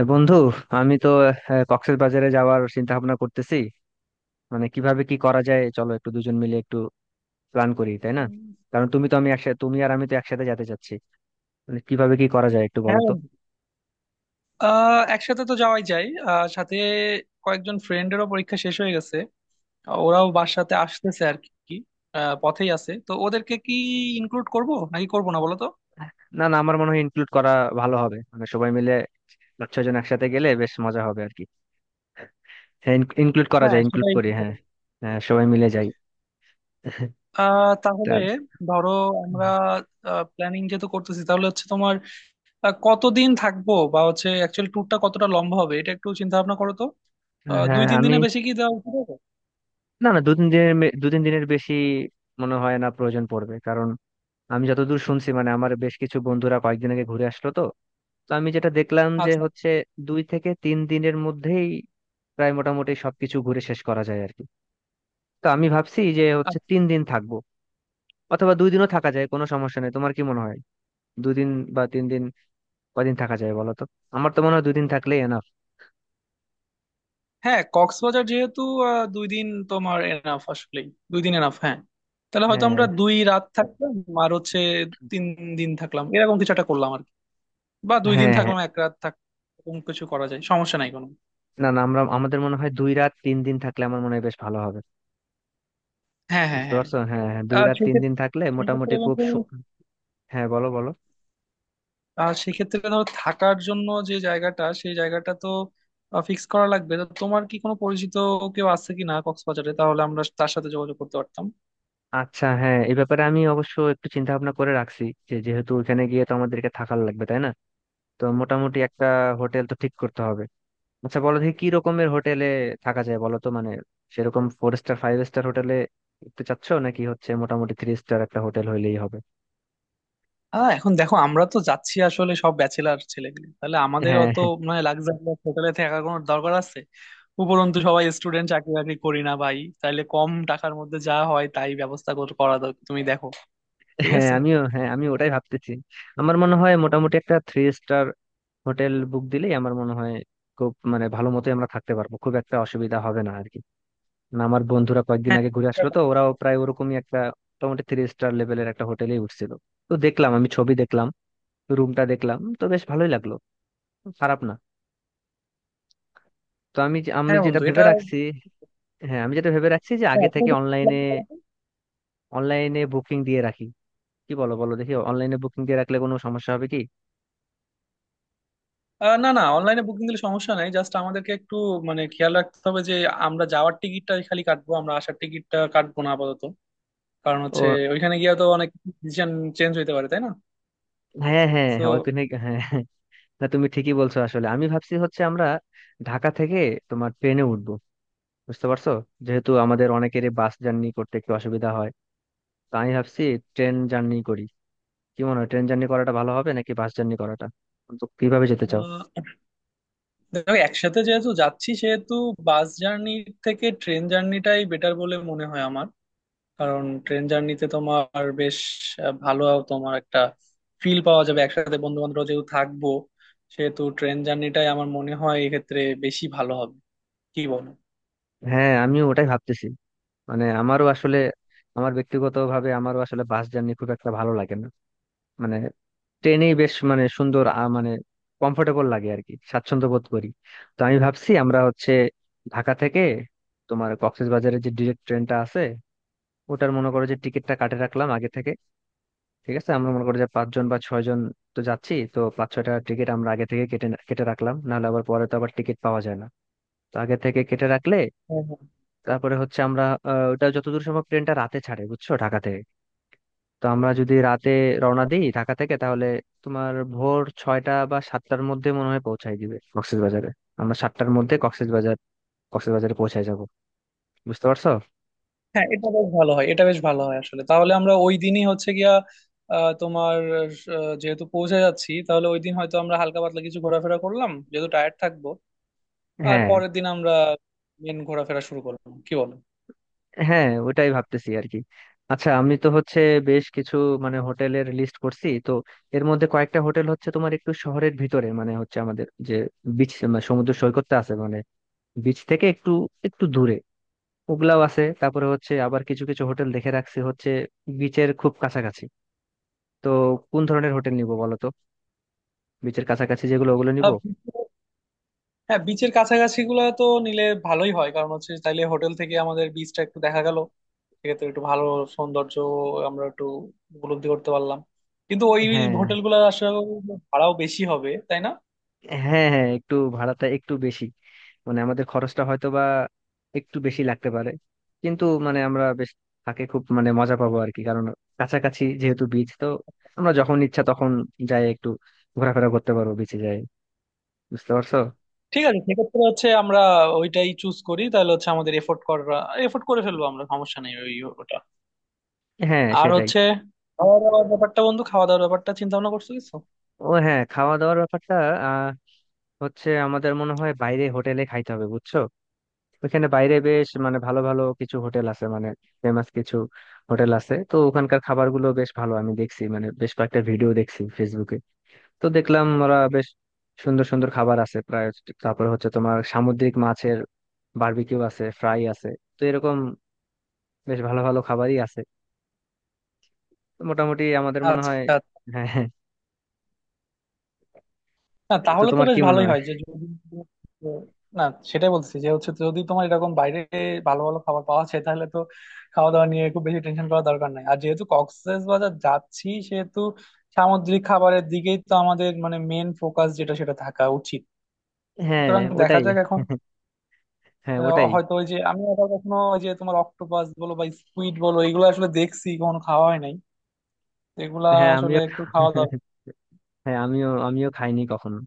এ বন্ধু, আমি তো কক্সবাজারে যাওয়ার চিন্তা ভাবনা করতেছি। মানে কিভাবে কি করা যায়, চলো একটু দুজন মিলে একটু প্ল্যান করি, তাই না? উম, কারণ তুমি তো আমি একসাথে, তুমি আর আমি তো একসাথে যেতে চাচ্ছি। মানে কিভাবে কি করা যায় একটু হ্যাঁ বলো তো। বন্ধু। একসাথে তো যাওয়াই যায়, সাথে কয়েকজন ফ্রেন্ডেরও পরীক্ষা শেষ হয়ে গেছে। ওরাও বাসাতে আসতেছে আর কি, পথেই আছে, তো ওদেরকে কি ইনক্লুড করব নাকি করব না বলো তো। না না, আমার মনে হয় ইনক্লুড করা ভালো হবে। মানে সবাই মিলে 5-6 জন একসাথে গেলে বেশ মজা হবে আর কি। হ্যাঁ, ইনক্লুড করা হ্যাঁ যায়, ইনক্লুড সেটাই করি, ঠিক হ্যাঁ। হবে। হ্যাঁ, সবাই মিলে যাই। তা, তাহলে ধরো আমরা প্ল্যানিং যেহেতু করতেছি তাহলে হচ্ছে তোমার কতদিন থাকবো, বা হচ্ছে অ্যাকচুয়ালি ট্যুরটা কতটা লম্বা হবে এটা একটু চিন্তা ভাবনা করো তো। দুই হ্যাঁ তিন আমি, দিনে বেশি কি দেওয়া উচিত হবে? না না দু তিন দিনের বেশি মনে হয় না প্রয়োজন পড়বে, কারণ আমি যতদূর শুনছি, মানে আমার বেশ কিছু বন্ধুরা কয়েকদিন আগে ঘুরে আসলো তো। তো আমি যেটা দেখলাম যে আচ্ছা, হচ্ছে 2 থেকে 3 দিনের মধ্যেই প্রায় মোটামুটি সবকিছু ঘুরে শেষ করা যায় আর কি। তো আমি ভাবছি যে হচ্ছে 3 দিন থাকবো, অথবা 2 দিনও থাকা যায়, কোনো সমস্যা নেই। তোমার কি মনে হয়, 2 দিন বা 3 দিন, কদিন থাকা যায় বলো তো? আমার তো মনে হয় দুই দিন থাকলেই এনাফ। হ্যাঁ কক্সবাজার যেহেতু দুই দিন তোমার এনাফ আসলেই, দুই দিন এনাফ। হ্যাঁ, তাহলে হয়তো হ্যাঁ আমরা দুই রাত থাকলাম আর হচ্ছে তিন দিন থাকলাম, এরকম কিছু একটা করলাম আর কি। বা দুই দিন হ্যাঁ হ্যাঁ, থাকলাম এক রাত থাক, এরকম কিছু করা যায়, সমস্যা নাই কোনো। না না আমরা, আমাদের মনে হয় 2 রাত 3 দিন থাকলে আমার মনে হয় বেশ ভালো হবে। হ্যাঁ হ্যাঁ বুঝতে হ্যাঁ, পারছো? হ্যাঁ হ্যাঁ, দুই আর রাত তিন দিন সেক্ষেত্রে, থাকলে সেক্ষেত্রে মোটামুটি খুব বন্ধু, হ্যাঁ বলো বলো। সেক্ষেত্রে ধরো থাকার জন্য যে জায়গাটা, সেই জায়গাটা তো ফিক্স করা লাগবে। তো তোমার কি কোনো পরিচিত কেউ আছে কি না কক্সবাজারে? তাহলে আমরা তার সাথে যোগাযোগ করতে পারতাম। আচ্ছা হ্যাঁ, এই ব্যাপারে আমি অবশ্য একটু চিন্তা ভাবনা করে রাখছি, যে যেহেতু ওখানে গিয়ে তো আমাদেরকে থাকার লাগবে, তাই না? তো মোটামুটি একটা হোটেল তো ঠিক করতে হবে। আচ্ছা বলো দেখি কি রকমের হোটেলে থাকা যায় বলো তো। মানে সেরকম four star five star hotel উঠতে চাচ্ছো, নাকি হচ্ছে মোটামুটি থ্রি স্টার একটা হোটেল হইলেই হবে? এখন দেখো, আমরা তো যাচ্ছি আসলে সব ব্যাচেলার ছেলেগুলি, তাহলে আমাদের হ্যাঁ অত মানে লাক্সারি হোটেলে থাকার কোনো দরকার আছে? উপরন্তু সবাই স্টুডেন্ট, চাকরি বাকরি করি না ভাই, তাহলে কম টাকার মধ্যে যা হয় তাই ব্যবস্থা করা দরকার, তুমি দেখো। ঠিক হ্যাঁ আছে, আমিও, হ্যাঁ আমি ওটাই ভাবতেছি। আমার মনে হয় মোটামুটি একটা থ্রি স্টার হোটেল বুক দিলেই আমার মনে হয় খুব মানে ভালো মতোই আমরা থাকতে পারবো, খুব একটা অসুবিধা হবে না আর কি। না আমার বন্ধুরা কয়েকদিন হ্যাঁ আগে ঘুরে এটা আসলো তো, ভালো। ওরাও প্রায় ওরকমই একটা মোটামুটি থ্রি স্টার লেভেলের একটা হোটেলে উঠছিল। তো দেখলাম, আমি ছবি দেখলাম, রুমটা দেখলাম, তো বেশ ভালোই লাগলো, খারাপ না। তো আমি আমি হ্যাঁ যেটা বন্ধু, ভেবে এটা রাখছি, হ্যাঁ আমি যেটা ভেবে রাখছি যে হ্যাঁ, আগে তুমি থেকে একটু অনলাইনে, plan করো তো। অনলাইনে বুকিং দিয়ে রাখি। কি বলো, বলো দেখি অনলাইনে বুকিং দিয়ে রাখলে কোনো সমস্যা হবে কি? না না, অনলাইনে বুকিং দিলে সমস্যা নাই, জাস্ট আমাদেরকে একটু মানে খেয়াল রাখতে হবে যে আমরা যাওয়ার টিকিটটা খালি কাটবো, আমরা আসার টিকিটটা কাটবো না আপাতত, কারণ হচ্ছে ও ওইখানে গিয়ে তো অনেক ডিসিশন চেঞ্জ হইতে পারে, তাই না? হ্যাঁ হ্যাঁ তো হ্যাঁ, ওইখানে, হ্যাঁ হ্যাঁ। না তুমি ঠিকই বলছো, আসলে আমি ভাবছি হচ্ছে আমরা ঢাকা থেকে তোমার ট্রেনে উঠবো। বুঝতে পারছো? যেহেতু আমাদের অনেকেরই বাস জার্নি করতে একটু অসুবিধা হয়, তো আমি ভাবছি ট্রেন জার্নি করি। কি মনে হয়, ট্রেন জার্নি করাটা ভালো হবে নাকি বাস জার্নি করাটা? তো কিভাবে যেতে চাও? দেখো, একসাথে যেহেতু যাচ্ছি সেহেতু বাস জার্নির থেকে ট্রেন জার্নিটাই বেটার বলে মনে হয় আমার। কারণ ট্রেন জার্নিতে তোমার বেশ ভালো তোমার একটা ফিল পাওয়া যাবে, একসাথে বন্ধু বান্ধব যেহেতু থাকবো, সেহেতু ট্রেন জার্নিটাই আমার মনে হয় এক্ষেত্রে বেশি ভালো হবে, কি বলো? হ্যাঁ আমিও ওটাই ভাবতেছি। মানে আমারও আসলে, আমার ব্যক্তিগতভাবে আমারও আসলে বাস জার্নি খুব একটা ভালো লাগে না। মানে ট্রেনেই বেশ মানে সুন্দর মানে কমফোর্টেবল লাগে আর কি, স্বাচ্ছন্দ্য বোধ করি। তো আমি ভাবছি আমরা হচ্ছে ঢাকা থেকে তোমার কক্সবাজারের যে ডিরেক্ট ট্রেনটা আছে ওটার মনে করো যে টিকিটটা কাটে রাখলাম আগে থেকে। ঠিক আছে, আমরা মনে করি যে 5 জন বা 6 জন তো যাচ্ছি, তো 5-6টা টিকিট আমরা আগে থেকে কেটে কেটে রাখলাম, নাহলে আবার পরে তো আবার টিকিট পাওয়া যায় না। তো আগে থেকে কেটে রাখলে, তারপরে হচ্ছে আমরা, ওটা যতদূর সম্ভব ট্রেনটা রাতে ছাড়ে, বুঝছো, ঢাকা থেকে। তো আমরা যদি রাতে রওনা দিই ঢাকা থেকে, তাহলে তোমার ভোর 6টা বা 7টার মধ্যে মনে হয় পৌঁছায় দিবে কক্সবাজারে। আমরা 7টার মধ্যে কক্সবাজার, কক্সবাজারে পৌঁছায় যাব। বুঝতে পারছো? হ্যাঁ হ্যাঁ হ্যাঁ, এটা বেশ ভালো হয়, এটা বেশ ভালো হয় আসলে। তাহলে আমরা ওই দিনই হচ্ছে গিয়া তোমার যেহেতু পৌঁছে যাচ্ছি, তাহলে ওই দিন হয়তো আমরা হালকা পাতলা কিছু ঘোরাফেরা করলাম, যেহেতু টায়ার্ড থাকবো, আর হ্যাঁ পরের দিন আমরা মেন ঘোরাফেরা শুরু করলাম, কি বলো? হ্যাঁ ওটাই ভাবতেছি আর কি। আচ্ছা আমি তো হচ্ছে বেশ কিছু, মানে হোটেলের লিস্ট করছি তো। এর মধ্যে কয়েকটা হোটেল হচ্ছে তোমার একটু শহরের ভিতরে, মানে হচ্ছে আমাদের যে বিচ, সমুদ্র সৈকতটা আছে মানে, বিচ থেকে একটু একটু দূরে, ওগুলাও আছে। তারপরে হচ্ছে আবার কিছু কিছু হোটেল দেখে রাখছি হচ্ছে বিচের খুব কাছাকাছি। তো কোন ধরনের হোটেল নিব বলো তো? বিচের কাছাকাছি যেগুলো ওগুলো নিব। আহ, beach- হ্যাঁ, বিচের কাছাকাছি গুলো তো নিলে ভালোই হয়, কারণ হচ্ছে তাইলে হোটেল থেকে আমাদের বিচটা একটু দেখা গেল। সেক্ষেত্রে একটু ভালো সৌন্দর্য আমরা একটু উপলব্ধি করতে পারলাম। কিন্তু ওই হ্যাঁ হোটেল গুলো আসলে ভাড়াও বেশি হবে, তাই না? হ্যাঁ হ্যাঁ, একটু ভাড়াটা একটু বেশি, মানে আমাদের খরচটা হয়তো বা একটু বেশি লাগতে পারে। কিন্তু মানে আমরা বেশ থাকে খুব মানে মজা পাবো আর কি, কারণ কাছাকাছি যেহেতু বিচ তো আমরা যখন ইচ্ছা তখন যাই, একটু ঘোরাফেরা করতে পারবো, বিচে যাই। বুঝতে পারছো? ঠিক আছে, সেক্ষেত্রে হচ্ছে আমরা ওইটাই চুজ করি। তাহলে হচ্ছে আমাদের এফোর্ট করা, এফোর্ট করে ফেলবো আমরা, সমস্যা নেই, ওই ওটা। হ্যাঁ আর সেটাই। হচ্ছে খাওয়া দাওয়ার ব্যাপারটা বন্ধু, খাওয়া দাওয়ার ব্যাপারটা চিন্তা ভাবনা করছো কিছু? ও হ্যাঁ, খাওয়া দাওয়ার ব্যাপারটা আহ হচ্ছে আমাদের মনে হয় বাইরে হোটেলে খাইতে হবে, বুঝছো। ওইখানে বাইরে বেশ মানে ভালো ভালো কিছু হোটেল আছে, মানে ফেমাস কিছু হোটেল আছে। তো ওখানকার খাবারগুলো বেশ ভালো, আমি দেখছি মানে বেশ কয়েকটা ভিডিও দেখছি ফেসবুকে। তো দেখলাম ওরা বেশ সুন্দর সুন্দর খাবার আছে প্রায়। তারপর হচ্ছে তোমার সামুদ্রিক মাছের বারবিকিউ আছে, ফ্রাই আছে। তো এরকম বেশ ভালো ভালো খাবারই আছে। তো মোটামুটি আমাদের মনে হয়, আচ্ছা, হ্যাঁ হ্যাঁ। না তো তাহলে তো তোমার কি বেশ মনে ভালোই হয়? হয় যে যদি, না সেটাই বলছি যে হচ্ছে যদি তোমার এরকম বাইরে ভালো ভালো খাবার পাওয়া যায়, তাহলে তো খাওয়া দাওয়া নিয়ে খুব বেশি টেনশন করার দরকার নাই। আর যেহেতু কক্সবাজার যাচ্ছি সেহেতু সামুদ্রিক খাবারের দিকেই তো আমাদের মানে মেন ফোকাস যেটা সেটা থাকা উচিত। হ্যাঁ সুতরাং দেখা ওটাই, যাক এখন। হ্যাঁ ওটাই। হয়তো ওই যে আমি আবার কখনো, ওই যে তোমার অক্টোপাস বলো বা স্কুইড বলো, এগুলো আসলে দেখছি কখনো খাওয়া হয় নাই। এগুলা হ্যাঁ আসলে আমিও। একটু খাওয়া দাওয়া, হ্যাঁ আমিও আমিও খাইনি কখনো।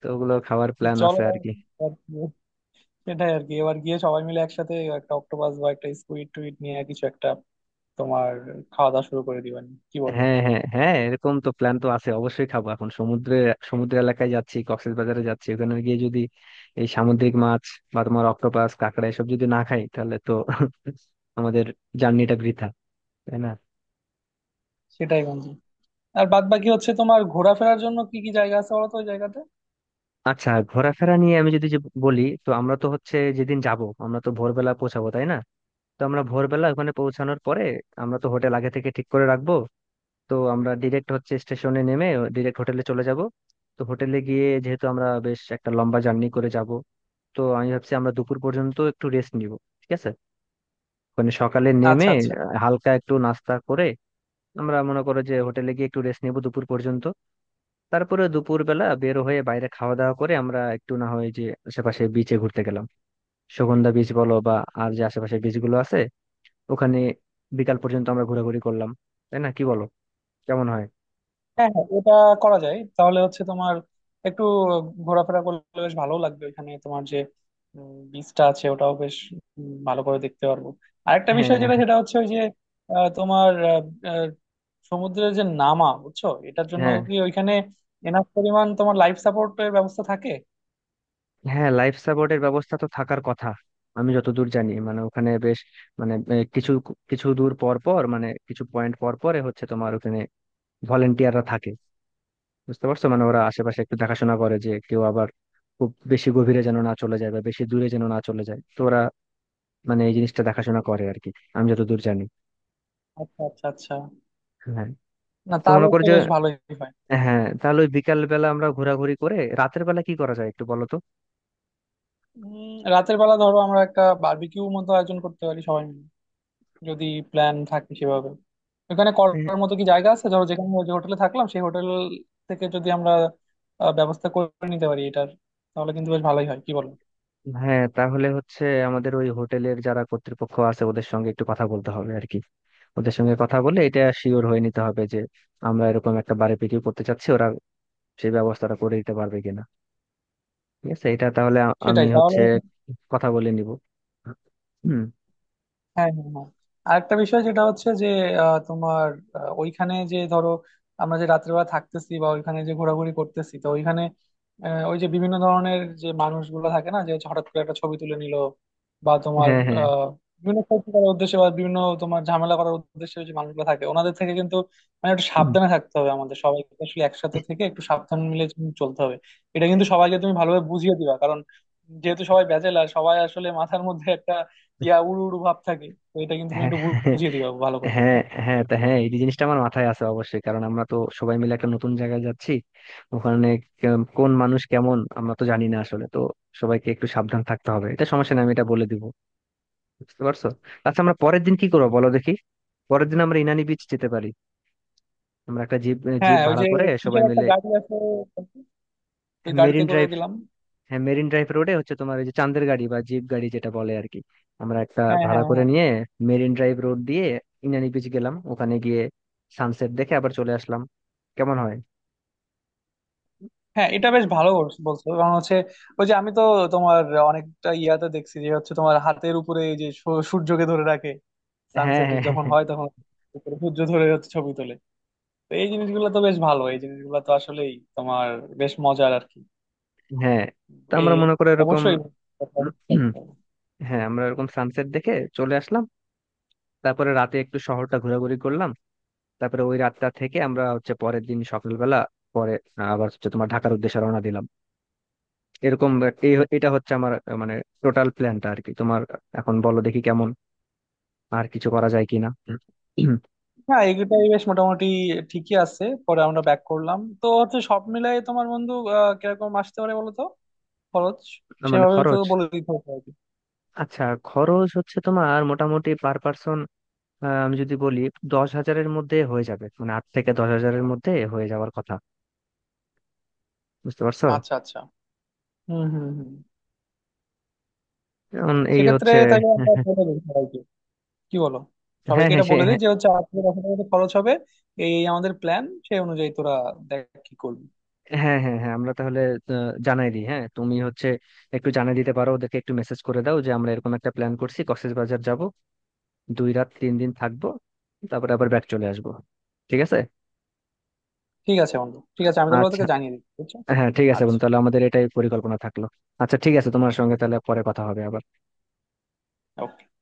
তো ওগুলো খাওয়ার তো প্ল্যান চলো আছে আর কি। সেটাই আর কি, এবার গিয়ে সবাই মিলে একসাথে একটা অক্টোপাস বা একটা স্কুইড টুইট নিয়ে কিছু একটা তোমার খাওয়া দাওয়া শুরু করে দিবানি, কি বলো? হ্যাঁ হ্যাঁ হ্যাঁ, এরকম তো প্ল্যান তো আছে, অবশ্যই খাবো। এখন সমুদ্রে, সমুদ্র এলাকায় যাচ্ছি, কক্সবাজারে যাচ্ছি, ওখানে গিয়ে যদি এই সামুদ্রিক মাছ বা তোমার অক্টোপাস কাঁকড়া এসব যদি না খাই, তাহলে তো আমাদের জার্নিটা বৃথা, তাই না? সেটাই বন্ধু। আর বাদ বাকি হচ্ছে তোমার ঘোরাফেরার জন্য কি কি জায়গা আছে বলো তো ওই জায়গাতে? আচ্ছা, ঘোরাফেরা নিয়ে আমি যদি যে বলি, তো আমরা তো হচ্ছে যেদিন যাব, আমরা তো ভোরবেলা পৌঁছাবো, তাই না? তো আমরা ভোরবেলা ওখানে পৌঁছানোর পরে, আমরা তো হোটেল আগে থেকে ঠিক করে রাখবো, তো আমরা ডিরেক্ট হচ্ছে স্টেশনে নেমে ডিরেক্ট হোটেলে চলে যাব। তো হোটেলে গিয়ে যেহেতু আমরা বেশ একটা লম্বা জার্নি করে যাব, তো আমি ভাবছি আমরা দুপুর পর্যন্ত একটু রেস্ট নিব, ঠিক আছে? মানে সকালে নেমে আচ্ছা আচ্ছা, হালকা একটু নাস্তা করে আমরা মনে করো যে হোটেলে গিয়ে একটু রেস্ট নেব দুপুর পর্যন্ত। তারপরে দুপুরবেলা বের হয়ে বাইরে খাওয়া দাওয়া করে আমরা একটু না হয় যে আশেপাশে বিচে ঘুরতে গেলাম, সুগন্ধা বিচ বলো বা আর যে আশেপাশে বিচ গুলো আছে ওখানে বিকাল পর্যন্ত আমরা ঘোরাঘুরি করলাম, তাই না? কি বলো, কেমন হয়? হ্যাঁ হ্যাঁ ওটা করা যায়। তাহলে হচ্ছে তোমার একটু ঘোরাফেরা করলে বেশ ভালো লাগবে। ওইখানে তোমার যে বিচটা আছে, ওটাও বেশ ভালো করে দেখতে পারবো। আরেকটা বিষয় হ্যাঁ যেটা সেটা হচ্ছে ওই যে, তোমার, আহ, আহ, সমুদ্রের যে নামা বুঝছো, এটার জন্য হ্যাঁ কি ওইখানে এনাফ পরিমাণ তোমার লাইফ সাপোর্টের ব্যবস্থা থাকে? হ্যাঁ। লাইফ সাপোর্টের ব্যবস্থা তো থাকার কথা। আমি যতদূর জানি, মানে ওখানে বেশ মানে কিছু কিছু দূর পর পর, মানে কিছু পয়েন্ট পর পরে হচ্ছে তোমার ওখানে ভলেন্টিয়াররা থাকে। বুঝতে পারছো? মানে ওরা আশেপাশে একটু দেখাশোনা করে যে কেউ আবার খুব বেশি গভীরে যেন না চলে যায়, বা বেশি দূরে যেন না চলে যায়। তো ওরা মানে এই জিনিসটা দেখাশোনা করে আর কি, আমি যতদূর জানি। আচ্ছা আচ্ছা আচ্ছা, হ্যাঁ, না তো তাহলে মনে করো তো যে, বেশ ভালোই হয়। হ্যাঁ, তাহলে ওই বিকাল বেলা আমরা ঘোরাঘুরি করে রাতের বেলা কি করা যায় একটু বলো তো। রাতের বেলা ধরো আমরা একটা বারবিকিউ মতো আয়োজন করতে পারি সবাই মিলে, যদি প্ল্যান থাকে সেভাবে। ওখানে করার মতো কি জায়গা আছে ধরো, যেখানে যে হোটেলে থাকলাম সেই হোটেল থেকে যদি আমরা ব্যবস্থা করে নিতে পারি এটার, তাহলে কিন্তু বেশ ভালোই হয়, কি বলবো? হ্যাঁ তাহলে হচ্ছে আমাদের ওই হোটেলের যারা কর্তৃপক্ষ আছে ওদের সঙ্গে একটু কথা বলতে হবে আর কি। ওদের সঙ্গে কথা বলে এটা শিওর হয়ে নিতে হবে যে আমরা এরকম একটা বার্বিকিউ করতে চাচ্ছি, ওরা সেই ব্যবস্থাটা করে দিতে পারবে কিনা। ঠিক আছে, এটা তাহলে আমি সেটাই তাহলে। হচ্ছে কথা বলে নিব। হুম, হ্যাঁ হ্যাঁ হ্যাঁ, আরেকটা বিষয় যেটা হচ্ছে যে তোমার, ওইখানে যে ধরো আমরা যে রাত্রেবেলা থাকতেছি বা ওইখানে যে ঘোরাঘুরি করতেছি, তো ওইখানে ওই যে বিভিন্ন ধরনের যে মানুষগুলো থাকে না, যে হচ্ছে হঠাৎ করে একটা ছবি তুলে নিল, বা তোমার হ্যাঁ হ্যাঁ, আহ বিভিন্ন ক্ষতি করার উদ্দেশ্যে বা বিভিন্ন তোমার ঝামেলা করার উদ্দেশ্যে যে মানুষগুলো থাকে, ওনাদের থেকে কিন্তু মানে একটু হুম, সাবধানে থাকতে হবে। আমাদের সবাইকে আসলে একসাথে থেকে একটু সাবধান মিলে চলতে হবে। এটা কিন্তু সবাইকে তুমি ভালোভাবে বুঝিয়ে দিবা, কারণ যেহেতু সবাই ব্যাচেলার, সবাই আসলে মাথার মধ্যে ইয়া উড়ু উড়ু ভাব থাকে, তো এটা কিন্তু তুমি হ্যাঁ। একটু বুঝিয়ে দিবা ভালো করে। হ্যাঁ হ্যাঁ তা হ্যাঁ, এই জিনিসটা আমার মাথায় আছে অবশ্যই, কারণ আমরা তো সবাই মিলে একটা নতুন জায়গায় যাচ্ছি। ওখানে কোন মানুষ কেমন আমরা তো জানি না আসলে। তো সবাইকে একটু সাবধান থাকতে হবে, এটা সমস্যা নেই, আমি এটা বলে দিব। বুঝতে পারছো? আচ্ছা আমরা পরের দিন কি করবো বলো দেখি। পরের দিন আমরা ইনানি বিচ যেতে পারি। আমরা একটা জিপ, জিপ হ্যাঁ ওই ভাড়া যে করে সবাই কিসের একটা মিলে গাড়ি আছে, ওই গাড়িতে মেরিন করে ড্রাইভ, দিলাম। হ্যাঁ মেরিন ড্রাইভ রোডে হচ্ছে তোমার ওই যে চান্দের গাড়ি বা জিপ গাড়ি যেটা বলে আর কি, আমরা একটা হ্যাঁ ভাড়া হ্যাঁ করে হ্যাঁ, নিয়ে মেরিন ড্রাইভ রোড দিয়ে ইনানি বিচ গেলাম, ওখানে গিয়ে সানসেট দেখে আবার চলে আসলাম। কেমন হয়? হ্যাঁ এটা বেশ ভালো বলছো, কারণ হচ্ছে ওই যে আমি তো তোমার অনেকটা ইয়াতে দেখছি যে হচ্ছে তোমার হাতের উপরে, এই যে সূর্যকে ধরে রাখে, হ্যাঁ সানসেট হ্যাঁ যখন হ্যাঁ হয় তখন উপরে সূর্য ধরে হচ্ছে ছবি তোলে। তো এই জিনিসগুলো তো বেশ ভালো, এই জিনিসগুলো তো আসলেই তোমার বেশ মজার আর কি। হ্যাঁ। তো আমরা এই মনে করে এরকম অবশ্যই। হ্যাঁ আমরা এরকম সানসেট দেখে চলে আসলাম। তারপরে রাতে একটু শহরটা ঘোরাঘুরি করলাম। তারপরে ওই রাতটা থেকে আমরা হচ্ছে পরের দিন সকালবেলা পরে আবার হচ্ছে তোমার ঢাকার উদ্দেশ্যে রওনা দিলাম। এরকম, এটা হচ্ছে আমার মানে টোটাল প্ল্যানটা আর কি তোমার। এখন বলো দেখি কেমন, আর কিছু করা যায় কিনা। না এগুলোই বেশ মোটামুটি ঠিকই আছে। পরে আমরা ব্যাক করলাম, তো হচ্ছে সব মিলাই তোমার বন্ধু, কিরকম আসতে পারে বলো তো খরচ? না, মানে সেভাবে তো খরচ। বলে দিতে হবে আর কি। আচ্ছা, খরচ হচ্ছে তোমার মোটামুটি পার পার্সন আমি যদি বলি, 10 হাজারের মধ্যে হয়ে যাবে, মানে 8 থেকে 10 হাজারের মধ্যে হয়ে যাওয়ার কথা। বুঝতে পারছো? আচ্ছা আচ্ছা, হুম হুম হুম। এখন এই সেক্ষেত্রে হচ্ছে, তাহলে আমরা বলে দিই সবাইকে, কি বলো? হ্যাঁ সবাইকে হ্যাঁ এটা সে বলে হ্যাঁ, দিই যে হচ্ছে 8 থেকে 10 হাজার মতো খরচ হবে, এই এই আমাদের প্ল্যান, সেই অনুযায়ী তোরা দেখ কি করবি। হ্যাঁ হ্যাঁ হ্যাঁ আমরা তাহলে জানাই দিই। হ্যাঁ তুমি হচ্ছে একটু জানাই দিতে পারো, ওদেরকে একটু মেসেজ করে দাও যে আমরা এরকম একটা প্ল্যান করছি, কক্সবাজার যাব, 2 রাত 3 দিন থাকবো, তারপরে আবার ব্যাক চলে আসবো। ঠিক আছে? ঠিক আছে বন্ধু, ঠিক আছে, আমি তাহলে আচ্ছা, তোকে জানিয়ে দিচ্ছি বুঝছো। হ্যাঁ ঠিক আছে আচ্ছা, বন্ধু, তাহলে আমাদের এটাই পরিকল্পনা থাকলো। আচ্ছা ঠিক আছে, তোমার সঙ্গে তাহলে পরে কথা হবে আবার। okay.